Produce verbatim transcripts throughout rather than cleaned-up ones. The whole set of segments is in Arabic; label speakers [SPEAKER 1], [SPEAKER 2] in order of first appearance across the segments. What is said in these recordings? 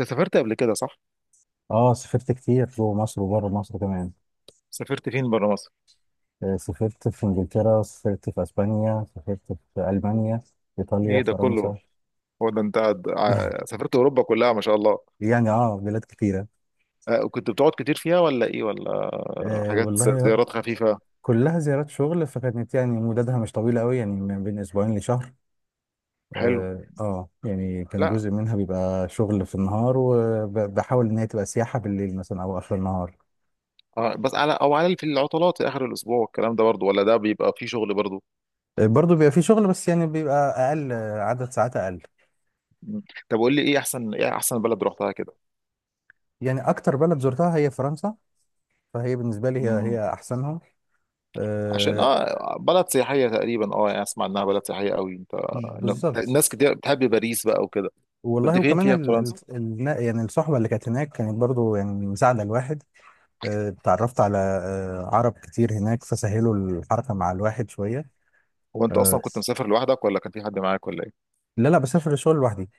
[SPEAKER 1] انت سافرت قبل كده صح؟
[SPEAKER 2] اه، سافرت كتير جوه مصر وبره مصر كمان.
[SPEAKER 1] سافرت فين بره مصر؟
[SPEAKER 2] آه، سافرت في انجلترا، سافرت في اسبانيا، سافرت في المانيا، ايطاليا،
[SPEAKER 1] ايه ده كله؟
[SPEAKER 2] فرنسا.
[SPEAKER 1] هو ده انت قاعد- ع- سافرت اوروبا كلها، ما شاء الله.
[SPEAKER 2] يعني اه بلاد كتيرة.
[SPEAKER 1] آه، كنت بتقعد كتير فيها ولا ايه ولا
[SPEAKER 2] آه
[SPEAKER 1] حاجات،
[SPEAKER 2] والله.
[SPEAKER 1] زيارات خفيفة؟
[SPEAKER 2] كلها زيارات شغل، فكانت يعني مدتها مش طويلة قوي، يعني من بين أسبوعين لشهر.
[SPEAKER 1] حلو.
[SPEAKER 2] آه, اه يعني كان
[SPEAKER 1] لا.
[SPEAKER 2] جزء منها بيبقى شغل في النهار، وبحاول إن هي تبقى سياحة بالليل مثلا أو آخر النهار.
[SPEAKER 1] آه بس على او على في العطلات في اخر الاسبوع، الكلام ده برضو، ولا ده بيبقى فيه شغل برضو؟
[SPEAKER 2] آه، برضه بيبقى في شغل، بس يعني بيبقى أقل، آه، عدد ساعات أقل.
[SPEAKER 1] مم. طب قول لي، ايه احسن ايه احسن بلد رحتها كده؟
[SPEAKER 2] يعني أكتر بلد زرتها هي فرنسا، فهي بالنسبة لي هي
[SPEAKER 1] مم.
[SPEAKER 2] هي أحسنها.
[SPEAKER 1] عشان
[SPEAKER 2] آه،
[SPEAKER 1] اه بلد سياحية تقريبا، اه يعني اسمع انها بلد سياحية قوي، انت.
[SPEAKER 2] بالظبط.
[SPEAKER 1] الناس كتير بتحب باريس بقى وكده. كنت
[SPEAKER 2] والله،
[SPEAKER 1] فين
[SPEAKER 2] وكمان
[SPEAKER 1] فيها في
[SPEAKER 2] ال ال
[SPEAKER 1] فرنسا؟
[SPEAKER 2] ال يعني الصحبة اللي كانت هناك كانت برضو يعني مساعدة الواحد. آه، اتعرفت على آه عرب كتير هناك، فسهلوا الحركة مع الواحد شوية.
[SPEAKER 1] هو انت اصلا
[SPEAKER 2] آه،
[SPEAKER 1] كنت مسافر لوحدك ولا كان في حد معاك ولا؟
[SPEAKER 2] لا، لا، بسافر الشغل لوحدي.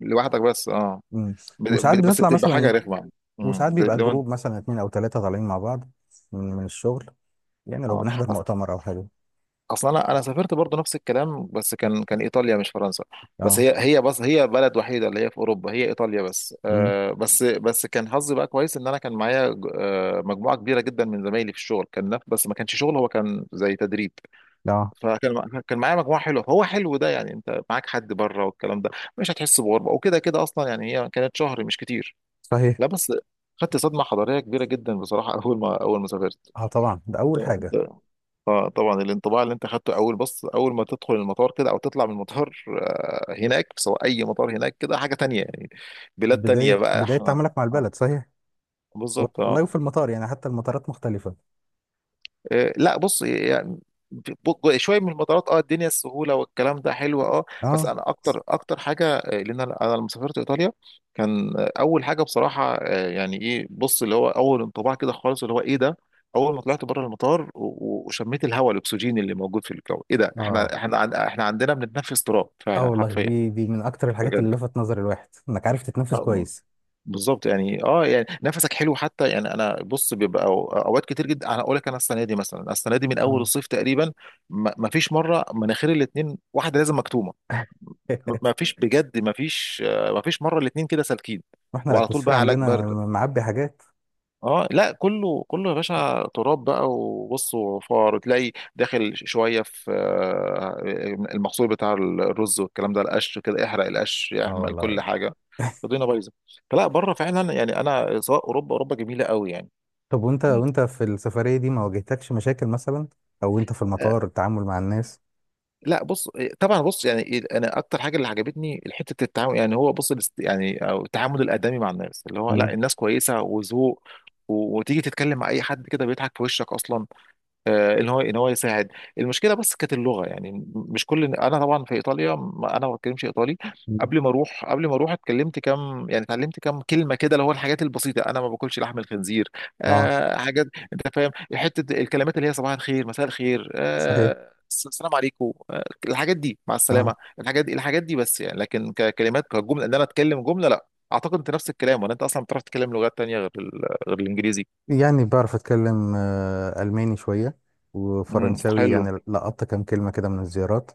[SPEAKER 1] لوحدك بس، اه.
[SPEAKER 2] مم.
[SPEAKER 1] ب-
[SPEAKER 2] وساعات
[SPEAKER 1] ب- بس
[SPEAKER 2] بنطلع
[SPEAKER 1] بتبقى حاجه
[SPEAKER 2] مثلا.
[SPEAKER 1] رخمه. امم
[SPEAKER 2] وساعات
[SPEAKER 1] زي-
[SPEAKER 2] بيبقى
[SPEAKER 1] لو انت.
[SPEAKER 2] جروب مثلا اتنين أو تلاتة طالعين مع بعض من, من الشغل. يعني لو
[SPEAKER 1] اه.
[SPEAKER 2] بنحضر
[SPEAKER 1] أص-
[SPEAKER 2] مؤتمر أو حاجة.
[SPEAKER 1] اصلا انا انا سافرت برضه نفس الكلام، بس كان كان ايطاليا مش فرنسا. بس
[SPEAKER 2] اه.
[SPEAKER 1] هي هي بس هي بلد وحيده اللي هي في اوروبا، هي ايطاليا بس.
[SPEAKER 2] مم.
[SPEAKER 1] آه بس بس كان حظي بقى كويس ان انا كان معايا ج- آه مجموعه كبيره جدا من زمايلي في الشغل، كان نف- بس ما كانش شغل، هو كان زي تدريب.
[SPEAKER 2] اه.
[SPEAKER 1] فكان مع- كان معايا مجموعه حلوه، فهو حلو ده يعني انت معاك حد بره والكلام ده. مش هتحس بغربه، وكده كده اصلا يعني هي كانت شهر مش كتير.
[SPEAKER 2] صحيح.
[SPEAKER 1] لا بس خدت صدمة حضارية كبيرة جدا بصراحة أول ما أول ما سافرت.
[SPEAKER 2] اه طبعا ده أول حاجة.
[SPEAKER 1] أنت- آه، طبعا الانطباع اللي أنت خدته أول بص أول ما تدخل المطار كده أو تطلع من المطار، آه، هناك سواء أي مطار هناك كده حاجة تانية يعني. بلاد تانية
[SPEAKER 2] بداية
[SPEAKER 1] بقى
[SPEAKER 2] بداية
[SPEAKER 1] إحنا.
[SPEAKER 2] تعاملك مع
[SPEAKER 1] آه،
[SPEAKER 2] البلد، صحيح.
[SPEAKER 1] بالظبط آه.
[SPEAKER 2] والله، وفي المطار يعني حتى المطارات مختلفة.
[SPEAKER 1] آه، لا بص يعني ب- شويه من المطارات، اه الدنيا السهوله والكلام ده حلو، اه. بس
[SPEAKER 2] اه،
[SPEAKER 1] انا اكتر اكتر حاجه، آه، لان انا أنا لما سافرت ايطاليا كان، آه، اول حاجه بصراحه، آه، يعني ايه بص اللي هو اول انطباع كده خالص اللي هو ايه ده. اول ما طلعت بره المطار و- و- وشميت الهواء، الاكسجين اللي موجود في الجو، ايه ده؟
[SPEAKER 2] اه،
[SPEAKER 1] احنا احنا عن- احنا عندنا بنتنفس تراب
[SPEAKER 2] اه.
[SPEAKER 1] فعلا
[SPEAKER 2] والله،
[SPEAKER 1] حرفيا.
[SPEAKER 2] دي دي من اكتر الحاجات
[SPEAKER 1] بجد.
[SPEAKER 2] اللي لفت نظر الواحد، انك عارف تتنفس
[SPEAKER 1] آه،
[SPEAKER 2] كويس.
[SPEAKER 1] بالظبط يعني، اه يعني نفسك حلو حتى، يعني انا بص بيبقى أو- اوقات كتير جدا، انا اقول لك، انا السنه دي مثلا، السنه دي من اول
[SPEAKER 2] اه.
[SPEAKER 1] الصيف تقريبا ما ما فيش مره مناخير الاتنين، واحده لازم مكتومه. ما فيش بجد، ما فيش. ما فيش مره الاتنين كده سالكين.
[SPEAKER 2] واحنا
[SPEAKER 1] وعلى طول
[SPEAKER 2] الاتموسفير
[SPEAKER 1] بقى علاج
[SPEAKER 2] عندنا
[SPEAKER 1] برد.
[SPEAKER 2] معبي حاجات.
[SPEAKER 1] اه لا، كله كله يا باشا، تراب بقى وبص وفار، وتلاقي داخل شويه في، آه، المحصول بتاع الرز والكلام ده، القش كده، احرق القش
[SPEAKER 2] اه
[SPEAKER 1] يعمل كل
[SPEAKER 2] والله.
[SPEAKER 1] حاجه. الدنيا بايظه. فلا، بره فعلا، يعني انا سواء اوروبا، اوروبا جميله قوي يعني.
[SPEAKER 2] طب وانت
[SPEAKER 1] مم.
[SPEAKER 2] وانت في السفرية دي ما واجهتكش مشاكل مثلا، او وانت في
[SPEAKER 1] آه،
[SPEAKER 2] المطار، التعامل مع الناس.
[SPEAKER 1] لا بص، آه، طبعا بص يعني إيه، انا اكتر حاجه اللي عجبتني حته التعامل، يعني هو بص الاست- يعني أو التعامل الادمي مع الناس، اللي هو لا
[SPEAKER 2] مم.
[SPEAKER 1] الناس كويسه وذوق، و- وتيجي تتكلم مع اي حد كده بيضحك في وشك اصلا، آه، ان هو ان هو يساعد. المشكله بس كانت اللغه، يعني م- مش كل، انا طبعا في ايطاليا، م- انا ما بتكلمش ايطالي.
[SPEAKER 2] مم.
[SPEAKER 1] قبل ما اروح قبل ما اروح اتكلمت كام، يعني اتعلمت كام كلمه كده، اللي هو الحاجات البسيطه، انا ما باكلش لحم الخنزير،
[SPEAKER 2] اه.
[SPEAKER 1] آه حاجات، انت فاهم، حته الكلمات اللي هي صباح الخير، مساء الخير،
[SPEAKER 2] صحيح.
[SPEAKER 1] آه الس- السلام عليكم، آه الحاجات دي، مع
[SPEAKER 2] اه.
[SPEAKER 1] السلامه، الحاجات دي الحاجات دي بس، يعني لكن ككلمات، كجمله ان انا اتكلم جمله لا. اعتقد انت نفس الكلام، ولا انت اصلا بتعرف تتكلم لغات تانية غير ال- غير الانجليزي؟
[SPEAKER 2] يعني بعرف اتكلم آه، الماني شوية،
[SPEAKER 1] امم،
[SPEAKER 2] وفرنساوي،
[SPEAKER 1] حلو.
[SPEAKER 2] يعني لقطت كام كلمة كده من الزيارات.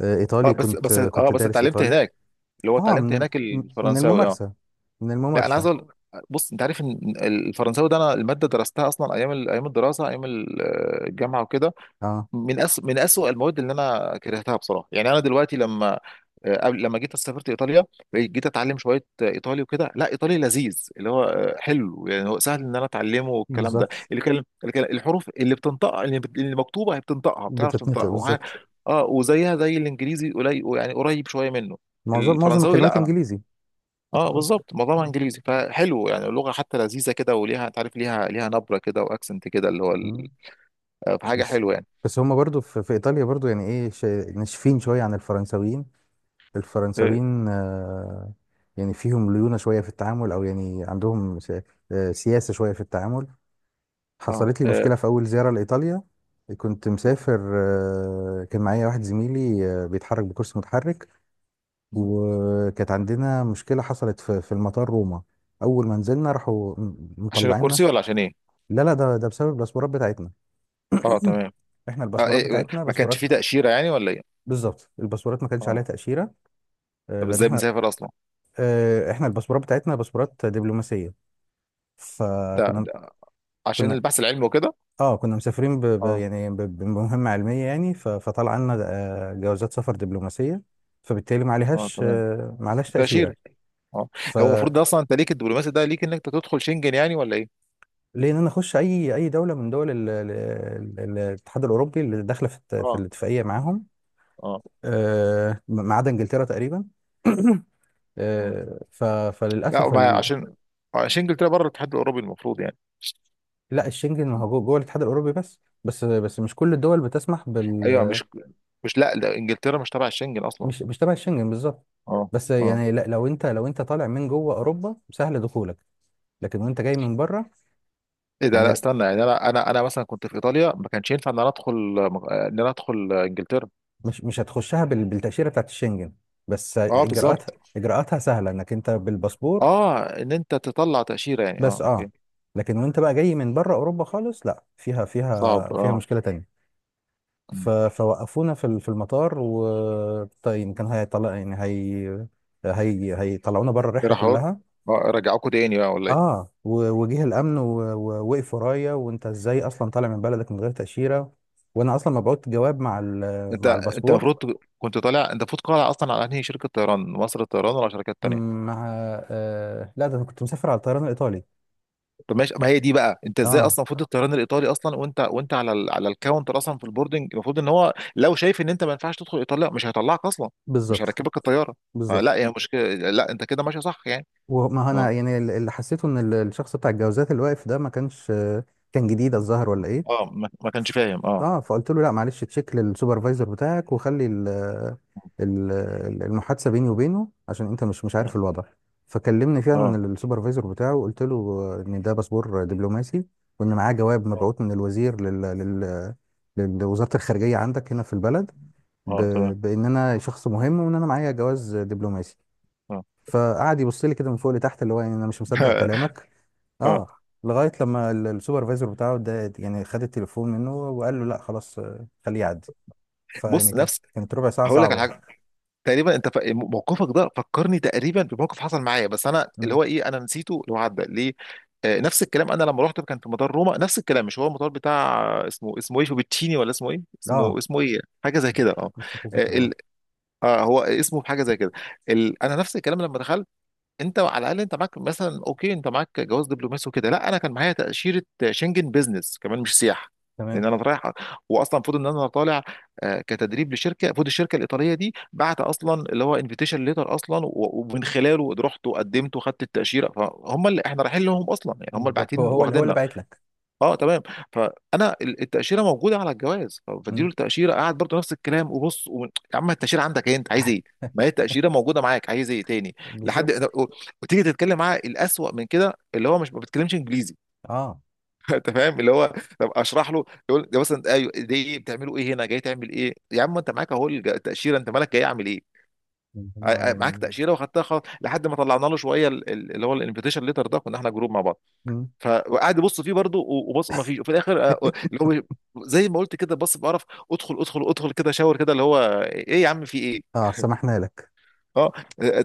[SPEAKER 2] آه،
[SPEAKER 1] اه
[SPEAKER 2] ايطالي،
[SPEAKER 1] بس
[SPEAKER 2] كنت
[SPEAKER 1] بس
[SPEAKER 2] آه،
[SPEAKER 1] اه
[SPEAKER 2] كنت
[SPEAKER 1] بس
[SPEAKER 2] دارس
[SPEAKER 1] اتعلمت
[SPEAKER 2] ايطالي.
[SPEAKER 1] هناك، اللي هو
[SPEAKER 2] اه،
[SPEAKER 1] اتعلمت
[SPEAKER 2] من
[SPEAKER 1] هناك
[SPEAKER 2] من
[SPEAKER 1] الفرنساوي، اه.
[SPEAKER 2] الممارسة. من
[SPEAKER 1] لا انا عايز
[SPEAKER 2] الممارسة.
[SPEAKER 1] اقول، بص انت عارف ان الفرنساوي ده، انا الماده درستها اصلا ايام ال- ايام الدراسه، ايام ال- آه، الجامعه وكده،
[SPEAKER 2] اه،
[SPEAKER 1] من أس... من أسوأ المواد اللي انا كرهتها بصراحه. يعني انا دلوقتي لما، آه، قبل لما جيت سافرت ايطاليا، جيت اتعلم شويه، آه، ايطالي وكده، لا ايطالي لذيذ، اللي هو، آه، حلو يعني، هو سهل ان انا اتعلمه والكلام ده،
[SPEAKER 2] بالظبط.
[SPEAKER 1] اللي كلم... اللي كلم... الحروف اللي بتنطقها، اللي, بت... اللي مكتوبه هي بتنطقها، بتعرف
[SPEAKER 2] بتتنطق
[SPEAKER 1] تنطقها وه...
[SPEAKER 2] بالظبط.
[SPEAKER 1] اه، وزيها زي الانجليزي قليل، يعني قريب شويه منه.
[SPEAKER 2] معظم معظم
[SPEAKER 1] الفرنساوي
[SPEAKER 2] الكلمات
[SPEAKER 1] لا.
[SPEAKER 2] انجليزي.
[SPEAKER 1] اه بالظبط، معظمها انجليزي، فحلو يعني اللغه حتى لذيذه كده، وليها، تعرف ليها، ليها نبره كده واكسنت كده، اللي هو ال...
[SPEAKER 2] مم.
[SPEAKER 1] آه، فحاجه
[SPEAKER 2] بس
[SPEAKER 1] حلوه يعني.
[SPEAKER 2] بس هما برضو في, في ايطاليا برضو يعني ايه، ش... ناشفين شوية عن الفرنساويين.
[SPEAKER 1] اه.
[SPEAKER 2] الفرنساويين آه يعني فيهم ليونة شوية في التعامل، او يعني عندهم س... آه سياسة شوية في التعامل.
[SPEAKER 1] آه.
[SPEAKER 2] حصلت لي مشكلة في اول زيارة لايطاليا. كنت مسافر، آه كان معايا واحد زميلي آه بيتحرك بكرسي متحرك.
[SPEAKER 1] آه.
[SPEAKER 2] وكانت عندنا مشكلة حصلت في في المطار روما. أول ما نزلنا راحوا م-
[SPEAKER 1] عشان
[SPEAKER 2] مطلعيننا.
[SPEAKER 1] الكرسي ولا عشان ايه؟
[SPEAKER 2] لا، لا، ده ده بسبب الباسبورات بتاعتنا.
[SPEAKER 1] اه،
[SPEAKER 2] مم.
[SPEAKER 1] تمام.
[SPEAKER 2] احنا
[SPEAKER 1] آه
[SPEAKER 2] الباسبورات
[SPEAKER 1] إيه إيه،
[SPEAKER 2] بتاعتنا
[SPEAKER 1] ما كانش فيه
[SPEAKER 2] باسبورات.
[SPEAKER 1] تأشيرة يعني ولا ايه؟
[SPEAKER 2] بالظبط، الباسبورات ما كانش عليها
[SPEAKER 1] اه،
[SPEAKER 2] تأشيرة. آه،
[SPEAKER 1] طب
[SPEAKER 2] لأن
[SPEAKER 1] ازاي
[SPEAKER 2] احنا،
[SPEAKER 1] بنسافر اصلا؟
[SPEAKER 2] آه، احنا الباسبورات بتاعتنا باسبورات دبلوماسية.
[SPEAKER 1] ده,
[SPEAKER 2] فكنا،
[SPEAKER 1] ده عشان
[SPEAKER 2] كنا
[SPEAKER 1] البحث العلمي وكده.
[SPEAKER 2] اه كنا مسافرين ب... ب...
[SPEAKER 1] اه.
[SPEAKER 2] يعني ب... بمهمة علمية، يعني ف... فطلع عنا آه، جوازات سفر دبلوماسية، فبالتالي ما
[SPEAKER 1] اه،
[SPEAKER 2] عليهاش
[SPEAKER 1] تمام.
[SPEAKER 2] آه، ما عليهاش تأشيرة.
[SPEAKER 1] تأشيرة. اه.
[SPEAKER 2] ف،
[SPEAKER 1] هو المفروض ده اصلا انت ليك، الدبلوماسي ده ليك انك تدخل شنجن يعني ولا ايه؟
[SPEAKER 2] ليه ان انا اخش اي اي دوله من دول ال- ال- ال- ال- الاتحاد الاوروبي اللي داخله في الت- في
[SPEAKER 1] اه.
[SPEAKER 2] الاتفاقيه معاهم.
[SPEAKER 1] اه.
[SPEAKER 2] آه، ما عدا انجلترا تقريبا.
[SPEAKER 1] اه
[SPEAKER 2] آه، ف-
[SPEAKER 1] لا،
[SPEAKER 2] فللاسف
[SPEAKER 1] ما
[SPEAKER 2] ال...
[SPEAKER 1] عشان، آه، شنجن طلع بره الاتحاد الاوروبي المفروض يعني.
[SPEAKER 2] لا، الشنجن ما هو جوه جوه الاتحاد الاوروبي، بس بس بس مش كل الدول بتسمح
[SPEAKER 1] ايوه
[SPEAKER 2] بال
[SPEAKER 1] مش مش لا، ده انجلترا مش تبع الشنجن اصلا.
[SPEAKER 2] مش مش تبع الشنجن بالظبط.
[SPEAKER 1] اه.
[SPEAKER 2] بس
[SPEAKER 1] اه
[SPEAKER 2] يعني، لا لو انت لو انت طالع من جوه اوروبا سهل دخولك، لكن وانت جاي من بره.
[SPEAKER 1] ايه ده؟
[SPEAKER 2] يعني
[SPEAKER 1] لا استنى يعني، انا انا انا مثلا كنت في ايطاليا ما كانش ينفع ان انا ادخل، آه، ان انا ادخل، آه، انجلترا؟
[SPEAKER 2] مش مش هتخشها بال... بالتاشيره بتاعت الشنجن، بس
[SPEAKER 1] اه
[SPEAKER 2] اجراءاتها،
[SPEAKER 1] بالظبط.
[SPEAKER 2] اجراءاتها سهله انك انت بالباسبور.
[SPEAKER 1] اه ان انت تطلع تأشيرة يعني،
[SPEAKER 2] بس
[SPEAKER 1] اه اوكي.
[SPEAKER 2] اه. لكن وانت بقى جاي من بره اوروبا خالص، لا فيها
[SPEAKER 1] صعب،
[SPEAKER 2] فيها فيها
[SPEAKER 1] اه.
[SPEAKER 2] مشكله تانية. ف-
[SPEAKER 1] مم.
[SPEAKER 2] فوقفونا في ال- في المطار. و طيب كان هيطلع يعني، هي هي هيطلعونا بره
[SPEAKER 1] إيه
[SPEAKER 2] الرحله
[SPEAKER 1] راح أقول؟
[SPEAKER 2] كلها.
[SPEAKER 1] اه، رجعوكوا تاني بقى ولا ايه؟
[SPEAKER 2] اه، و- وجه الامن و- ووقف ورايا، وانت ازاي اصلا طالع من بلدك من غير تاشيره، وانا اصلا مبعوت جواب مع ال-
[SPEAKER 1] انت
[SPEAKER 2] مع
[SPEAKER 1] انت
[SPEAKER 2] الباسبور.
[SPEAKER 1] المفروض ت- كنت طالع، انت المفروض قالع اصلا على انهي شركة طيران، مصر الطيران ولا شركات تانية؟
[SPEAKER 2] مع آه لا، ده انا كنت مسافر على الطيران الايطالي.
[SPEAKER 1] طب ماشي، ما هي دي بقى انت ازاي اصلا،
[SPEAKER 2] اه
[SPEAKER 1] المفروض الطيران الايطالي اصلا، وانت وانت على ال... على الكاونتر اصلا في البوردنج، المفروض ان هو لو شايف ان انت ما ينفعش تدخل ايطاليا مش هيطلعك اصلا، مش
[SPEAKER 2] بالظبط.
[SPEAKER 1] هيركبك الطيارة. فلا،
[SPEAKER 2] بالظبط.
[SPEAKER 1] هي مشكلة، لا انت كده ماشي صح يعني.
[SPEAKER 2] وما هو
[SPEAKER 1] اه.
[SPEAKER 2] انا، يعني ال- اللي حسيته ان ال- الشخص بتاع الجوازات اللي واقف ده ما كانش، كان جديد الظاهر ولا ايه.
[SPEAKER 1] اه ما, ما كانش
[SPEAKER 2] ف-
[SPEAKER 1] فاهم، اه.
[SPEAKER 2] اه فقلت له لا، معلش تشيك للسوبرفايزر بتاعك، وخلي ال ال المحادثه بيني وبينه، عشان انت مش مش عارف
[SPEAKER 1] اه.
[SPEAKER 2] الوضع. فكلمني فعلا
[SPEAKER 1] اه.
[SPEAKER 2] ال- السوبرفايزر بتاعه، وقلت له ان ده باسبور دبلوماسي، وان معاه جواب
[SPEAKER 1] اه.
[SPEAKER 2] مبعوث من الوزير لل لل لوزاره الخارجيه عندك هنا في البلد. ب...
[SPEAKER 1] آه، تمام.
[SPEAKER 2] بان انا شخص مهم، وان انا معايا جواز دبلوماسي. فقعد يبص لي كده من فوق لتحت، اللي هو يعني انا مش مصدق
[SPEAKER 1] اه
[SPEAKER 2] كلامك. اه. لغايه لما ال- السوبرفايزر بتاعه ده يعني خد التليفون منه، وقال له لا خلاص، آه، خليه يعدي. فيعني
[SPEAKER 1] بص
[SPEAKER 2] كا-
[SPEAKER 1] نفس،
[SPEAKER 2] كانت ربع ساعه
[SPEAKER 1] هقول لك على
[SPEAKER 2] صعبه.
[SPEAKER 1] حاجه. تقريبا انت ف... موقفك ده فكرني تقريبا بموقف حصل معايا، بس انا اللي
[SPEAKER 2] مم.
[SPEAKER 1] هو ايه، انا نسيته، اللي هو عدى ليه. آه نفس الكلام، انا لما رحت كان في مطار روما، نفس الكلام، مش هو المطار بتاع، آه، اسمه، اسمه ايه فوبتشيني ولا اسمه ايه،
[SPEAKER 2] اه.
[SPEAKER 1] اسمه اسمه ايه حاجه زي كده، اه.
[SPEAKER 2] مش متذكر
[SPEAKER 1] آه، ال...
[SPEAKER 2] والله.
[SPEAKER 1] آه هو اسمه حاجه زي كده. ال... انا نفس الكلام لما دخلت، انت على الاقل انت معاك مثلا اوكي، انت معاك جواز دبلوماسي وكده، لا انا كان معايا تاشيره شنجن، بيزنس كمان مش سياحه، لان
[SPEAKER 2] تمام.
[SPEAKER 1] انا رايح. واصلا المفروض ان انا طالع، آه، كتدريب لشركه، المفروض الشركه الايطاليه دي بعت اصلا اللي هو انفيتيشن ليتر اصلا، و- ومن خلاله رحت وقدمت وخدت التاشيره، فهم اللي احنا رايحين لهم اصلا، يعني هم اللي
[SPEAKER 2] بالظبط، هو
[SPEAKER 1] باعتين
[SPEAKER 2] هو اللي هو اللي
[SPEAKER 1] واخديننا.
[SPEAKER 2] باعت لك.
[SPEAKER 1] اه تمام. فانا ال- التاشيره موجوده على الجواز، ف- فاديله
[SPEAKER 2] مم.
[SPEAKER 1] التاشيره قاعد برضه نفس الكلام، وبص و... يا عم، التاشيره عندك، ايه انت عايز ايه؟ ما هي التاشيره موجوده معاك، عايز ايه تاني؟ لحد
[SPEAKER 2] بالظبط.
[SPEAKER 1] و... وتيجي تتكلم معاه، الاسوأ من كده اللي هو مش، ما بتكلمش انجليزي
[SPEAKER 2] اه
[SPEAKER 1] انت فاهم اللي هو. طب اشرح له يقول، ده مثلا ايوه، ده ايه بتعملوا ايه هنا، جاي تعمل ايه يا عم، انت معاك اهو الج- التاشيره، انت مالك، جاي اعمل ايه؟
[SPEAKER 2] يعني هم،
[SPEAKER 1] ع- ع- معاك
[SPEAKER 2] يعني.
[SPEAKER 1] تاشيره واخدتها خلاص، لحد ما طلعنا له شويه ال- ال- اللي هو الانفيتيشن ليتر ده، كنا احنا جروب مع بعض.
[SPEAKER 2] مم.
[SPEAKER 1] فقعد يبص فيه برضه، و- وبص ما فيش، وفي الاخر، آه، اللي هو زي ما قلت كده، بص بقرف، ادخل ادخل ادخل كده، شاور كده اللي هو، ايه يا عم في ايه؟
[SPEAKER 2] اه سمحنا لك.
[SPEAKER 1] اه.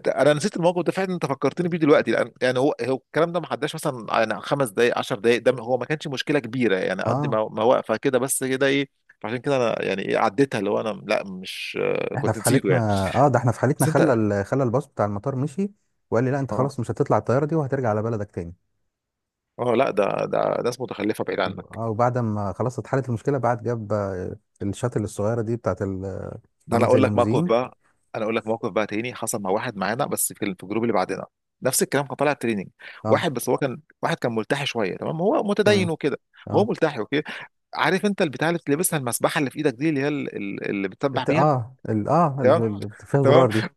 [SPEAKER 1] انا نسيت الموقف ده فعلا، انت فكرتني بيه دلوقتي. لان يعني هو هو الكلام ده ما عداش مثلا يعني خمس دقائق، عشر دقائق، ده هو ما كانش مشكله كبيره يعني، قد
[SPEAKER 2] اه.
[SPEAKER 1] ما ما واقفه كده بس، كده ايه؟ عشان كده انا يعني ايه عديتها، اللي هو انا لا مش، آه،
[SPEAKER 2] احنا
[SPEAKER 1] كنت
[SPEAKER 2] في
[SPEAKER 1] نسيته
[SPEAKER 2] حالتنا.
[SPEAKER 1] يعني.
[SPEAKER 2] اه، ده احنا في
[SPEAKER 1] بس
[SPEAKER 2] حالتنا
[SPEAKER 1] انت.
[SPEAKER 2] خلى ال... خلى الباص بتاع المطار مشي، وقال لي لا انت
[SPEAKER 1] اه.
[SPEAKER 2] خلاص مش هتطلع الطياره دي، وهترجع على بلدك تاني.
[SPEAKER 1] اه لا، ده ده ناس متخلفه بعيد عنك.
[SPEAKER 2] اه. وبعد ما خلاص اتحلت المشكله، بعد جاب آه، الشاتل الصغيره دي بتاعت ال- آه،
[SPEAKER 1] ده انا
[SPEAKER 2] عامله زي
[SPEAKER 1] اقول لك موقف
[SPEAKER 2] الليموزين.
[SPEAKER 1] بقى انا اقول لك موقف بقى تاني، حصل مع واحد معانا بس في ال- في الجروب اللي بعدنا، نفس الكلام، كان طالع تريننج،
[SPEAKER 2] اه
[SPEAKER 1] واحد بس هو، كان واحد كان ملتحي شويه، تمام هو متدين
[SPEAKER 2] تمام.
[SPEAKER 1] وكده، هو
[SPEAKER 2] اه
[SPEAKER 1] ملتحي اوكي. عارف انت البتاع اللي بتلبسها، المسبحه اللي في ايدك دي، اللي هي ال- ال- اللي بتسبح
[SPEAKER 2] الت-
[SPEAKER 1] بيها،
[SPEAKER 2] اه ال- اه ال-
[SPEAKER 1] تمام.
[SPEAKER 2] ال- فيها
[SPEAKER 1] تمام.
[SPEAKER 2] زرار دي.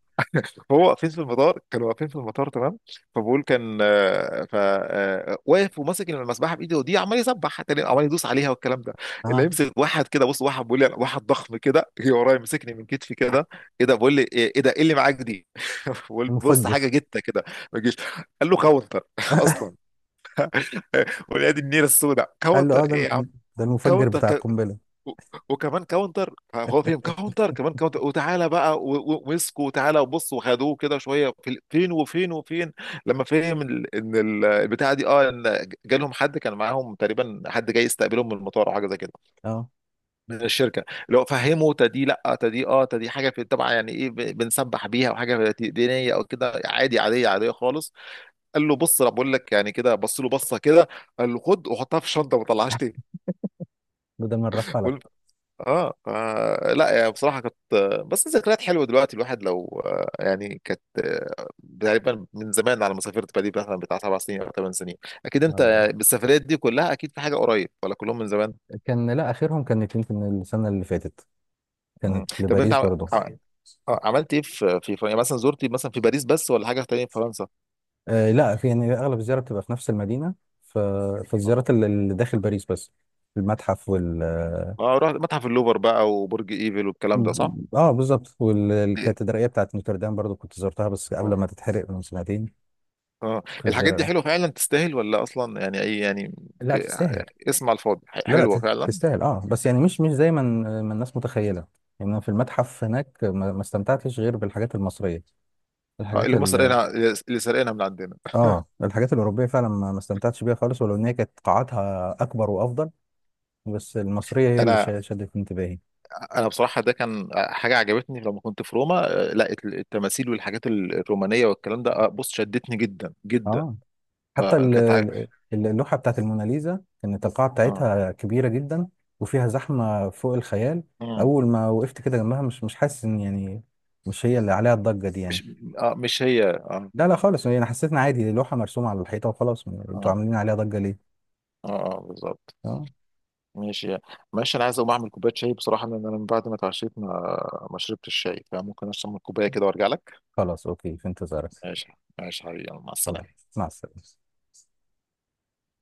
[SPEAKER 1] هو واقفين في المطار، كانوا واقفين في المطار، تمام. فبقول، كان آه، ف آه، واقف وماسك المسبحه بايده ودي، عمال يسبح، تاني عمال يدوس عليها والكلام ده. اللي
[SPEAKER 2] اه
[SPEAKER 1] يمسك واحد كده بص، واحد بيقول لي أنا- واحد ضخم كده جه ورايا، مسكني من كتفي كده، ايه ده؟ بقول لي ايه إيه ده، ايه اللي معاك دي؟ بقول بص،
[SPEAKER 2] المفجر.
[SPEAKER 1] حاجه جته كده، ما تجيش، قال له كاونتر اصلا. ولاد النيله السوداء،
[SPEAKER 2] قال له
[SPEAKER 1] كاونتر
[SPEAKER 2] اه ده
[SPEAKER 1] ايه يا عم؟
[SPEAKER 2] الم- ده المفجر بتاع
[SPEAKER 1] كاونتر،
[SPEAKER 2] القنبله.
[SPEAKER 1] و- وكمان كاونتر، هو فيهم كاونتر كمان كاونتر، وتعالى بقى و- و- ومسكوا وتعالى، وبص وخدوه كده شويه في ال- فين وفين وفين، لما فهم ال- ان ال- البتاعه دي، اه ان جالهم حد كان معاهم تقريبا، حد جاي يستقبلهم من المطار او حاجه زي كده،
[SPEAKER 2] اه
[SPEAKER 1] من الشركه، لو فهموا تدي، لا تدي اه، تدي حاجه في طبعا، يعني ايه ب- بنسبح بيها، وحاجه في- دينيه او كده، عادي، عاديه، عاديه خالص، قال له بص انا بقول لك يعني كده، بص له بصه كده، قال له خد وحطها في الشنطه وما طلعهاش تاني.
[SPEAKER 2] ده من رفعلك.
[SPEAKER 1] اه. آه، لا يعني بصراحة كانت، بس ذكريات حلوة دلوقتي الواحد، لو، آه، يعني كانت، آه، تقريبا من زمان على ما سافرت، بالي مثلا بتاع سبع سنين او ثمان سنين. اكيد
[SPEAKER 2] أيوة.
[SPEAKER 1] انت بالسفريات دي كلها اكيد في حاجة قريب، ولا كلهم من زمان؟
[SPEAKER 2] كان لا، اخرهم كانت يمكن السنه اللي فاتت،
[SPEAKER 1] مم.
[SPEAKER 2] كانت
[SPEAKER 1] طب انت
[SPEAKER 2] لباريس
[SPEAKER 1] عم...
[SPEAKER 2] برضو.
[SPEAKER 1] عم- آه، عملت ايه في في فرنسا مثلا؟ زرتي مثلا في باريس بس ولا حاجة تانية في فرنسا؟
[SPEAKER 2] آه، لا، في يعني اغلب الزياره بتبقى في نفس المدينه، ف...
[SPEAKER 1] اه.
[SPEAKER 2] فالزيارات اللي اللي داخل باريس بس. المتحف.
[SPEAKER 1] اه رحت متحف اللوفر بقى وبرج ايفل والكلام ده صح؟
[SPEAKER 2] اه بالظبط،
[SPEAKER 1] إيه.
[SPEAKER 2] والكاتدرائيه بتاعت نوتردام برضو كنت زرتها، بس قبل
[SPEAKER 1] اه.
[SPEAKER 2] ما تتحرق من سنتين.
[SPEAKER 1] اه
[SPEAKER 2] في
[SPEAKER 1] الحاجات دي
[SPEAKER 2] الزيارة.
[SPEAKER 1] حلوة فعلا تستاهل ولا اصلا يعني اي يعني؟
[SPEAKER 2] لا
[SPEAKER 1] ك-
[SPEAKER 2] تستاهل.
[SPEAKER 1] اسم على الفاضي، ح-
[SPEAKER 2] لا، لا،
[SPEAKER 1] حلوة
[SPEAKER 2] تت-
[SPEAKER 1] فعلا.
[SPEAKER 2] تستاهل، اه بس يعني مش مش زي ما ال- ما الناس متخيله. يعني أنا في المتحف هناك ما ما استمتعتش غير بالحاجات المصريه،
[SPEAKER 1] اه
[SPEAKER 2] الحاجات
[SPEAKER 1] اللي هم
[SPEAKER 2] ال
[SPEAKER 1] سرقينها، اللي سرقينها من عندنا.
[SPEAKER 2] اه، الحاجات الاوروبيه فعلا ما ما استمتعتش بيها خالص، ولو ان هي كانت قاعاتها اكبر وافضل. بس المصريه هي اللي
[SPEAKER 1] انا،
[SPEAKER 2] شا- شدت انتباهي.
[SPEAKER 1] انا بصراحه ده كان حاجه عجبتني لما كنت في روما، آه، لا الت- التماثيل والحاجات ال- الرومانيه والكلام ده، آه، بص شدتني جدا جدا.
[SPEAKER 2] اه حتى
[SPEAKER 1] آه،
[SPEAKER 2] ال-
[SPEAKER 1] كانت عا-
[SPEAKER 2] ال- اللوحة بتاعت الموناليزا كانت القاعة
[SPEAKER 1] اه.
[SPEAKER 2] بتاعتها كبيرة جدا، وفيها زحمة فوق الخيال.
[SPEAKER 1] مم.
[SPEAKER 2] أول ما وقفت كده جنبها، مش مش حاسس إن يعني مش هي اللي عليها الضجة دي يعني.
[SPEAKER 1] مش، آه مش هي، اه.
[SPEAKER 2] لا، لا، خالص، يعني أنا حسيت إن عادي، دي لوحة مرسومة على الحيطة وخلاص، م- أنتوا
[SPEAKER 1] اه.
[SPEAKER 2] عاملين عليها ضجة ليه؟
[SPEAKER 1] اه, آه بالظبط.
[SPEAKER 2] أه.
[SPEAKER 1] ماشي. ماشي انا عايز اقوم اعمل كوبايه شاي بصراحه، لان انا من بعد ما اتعشيت ما ما شربت الشاي، فممكن اشرب كوبايه كده وارجع لك.
[SPEAKER 2] خلاص أوكي، في انتظارك.
[SPEAKER 1] ماشي. ماشي حبيبي، يلا، مع
[SPEAKER 2] أوكي.
[SPEAKER 1] السلامه.
[SPEAKER 2] مع السلامة.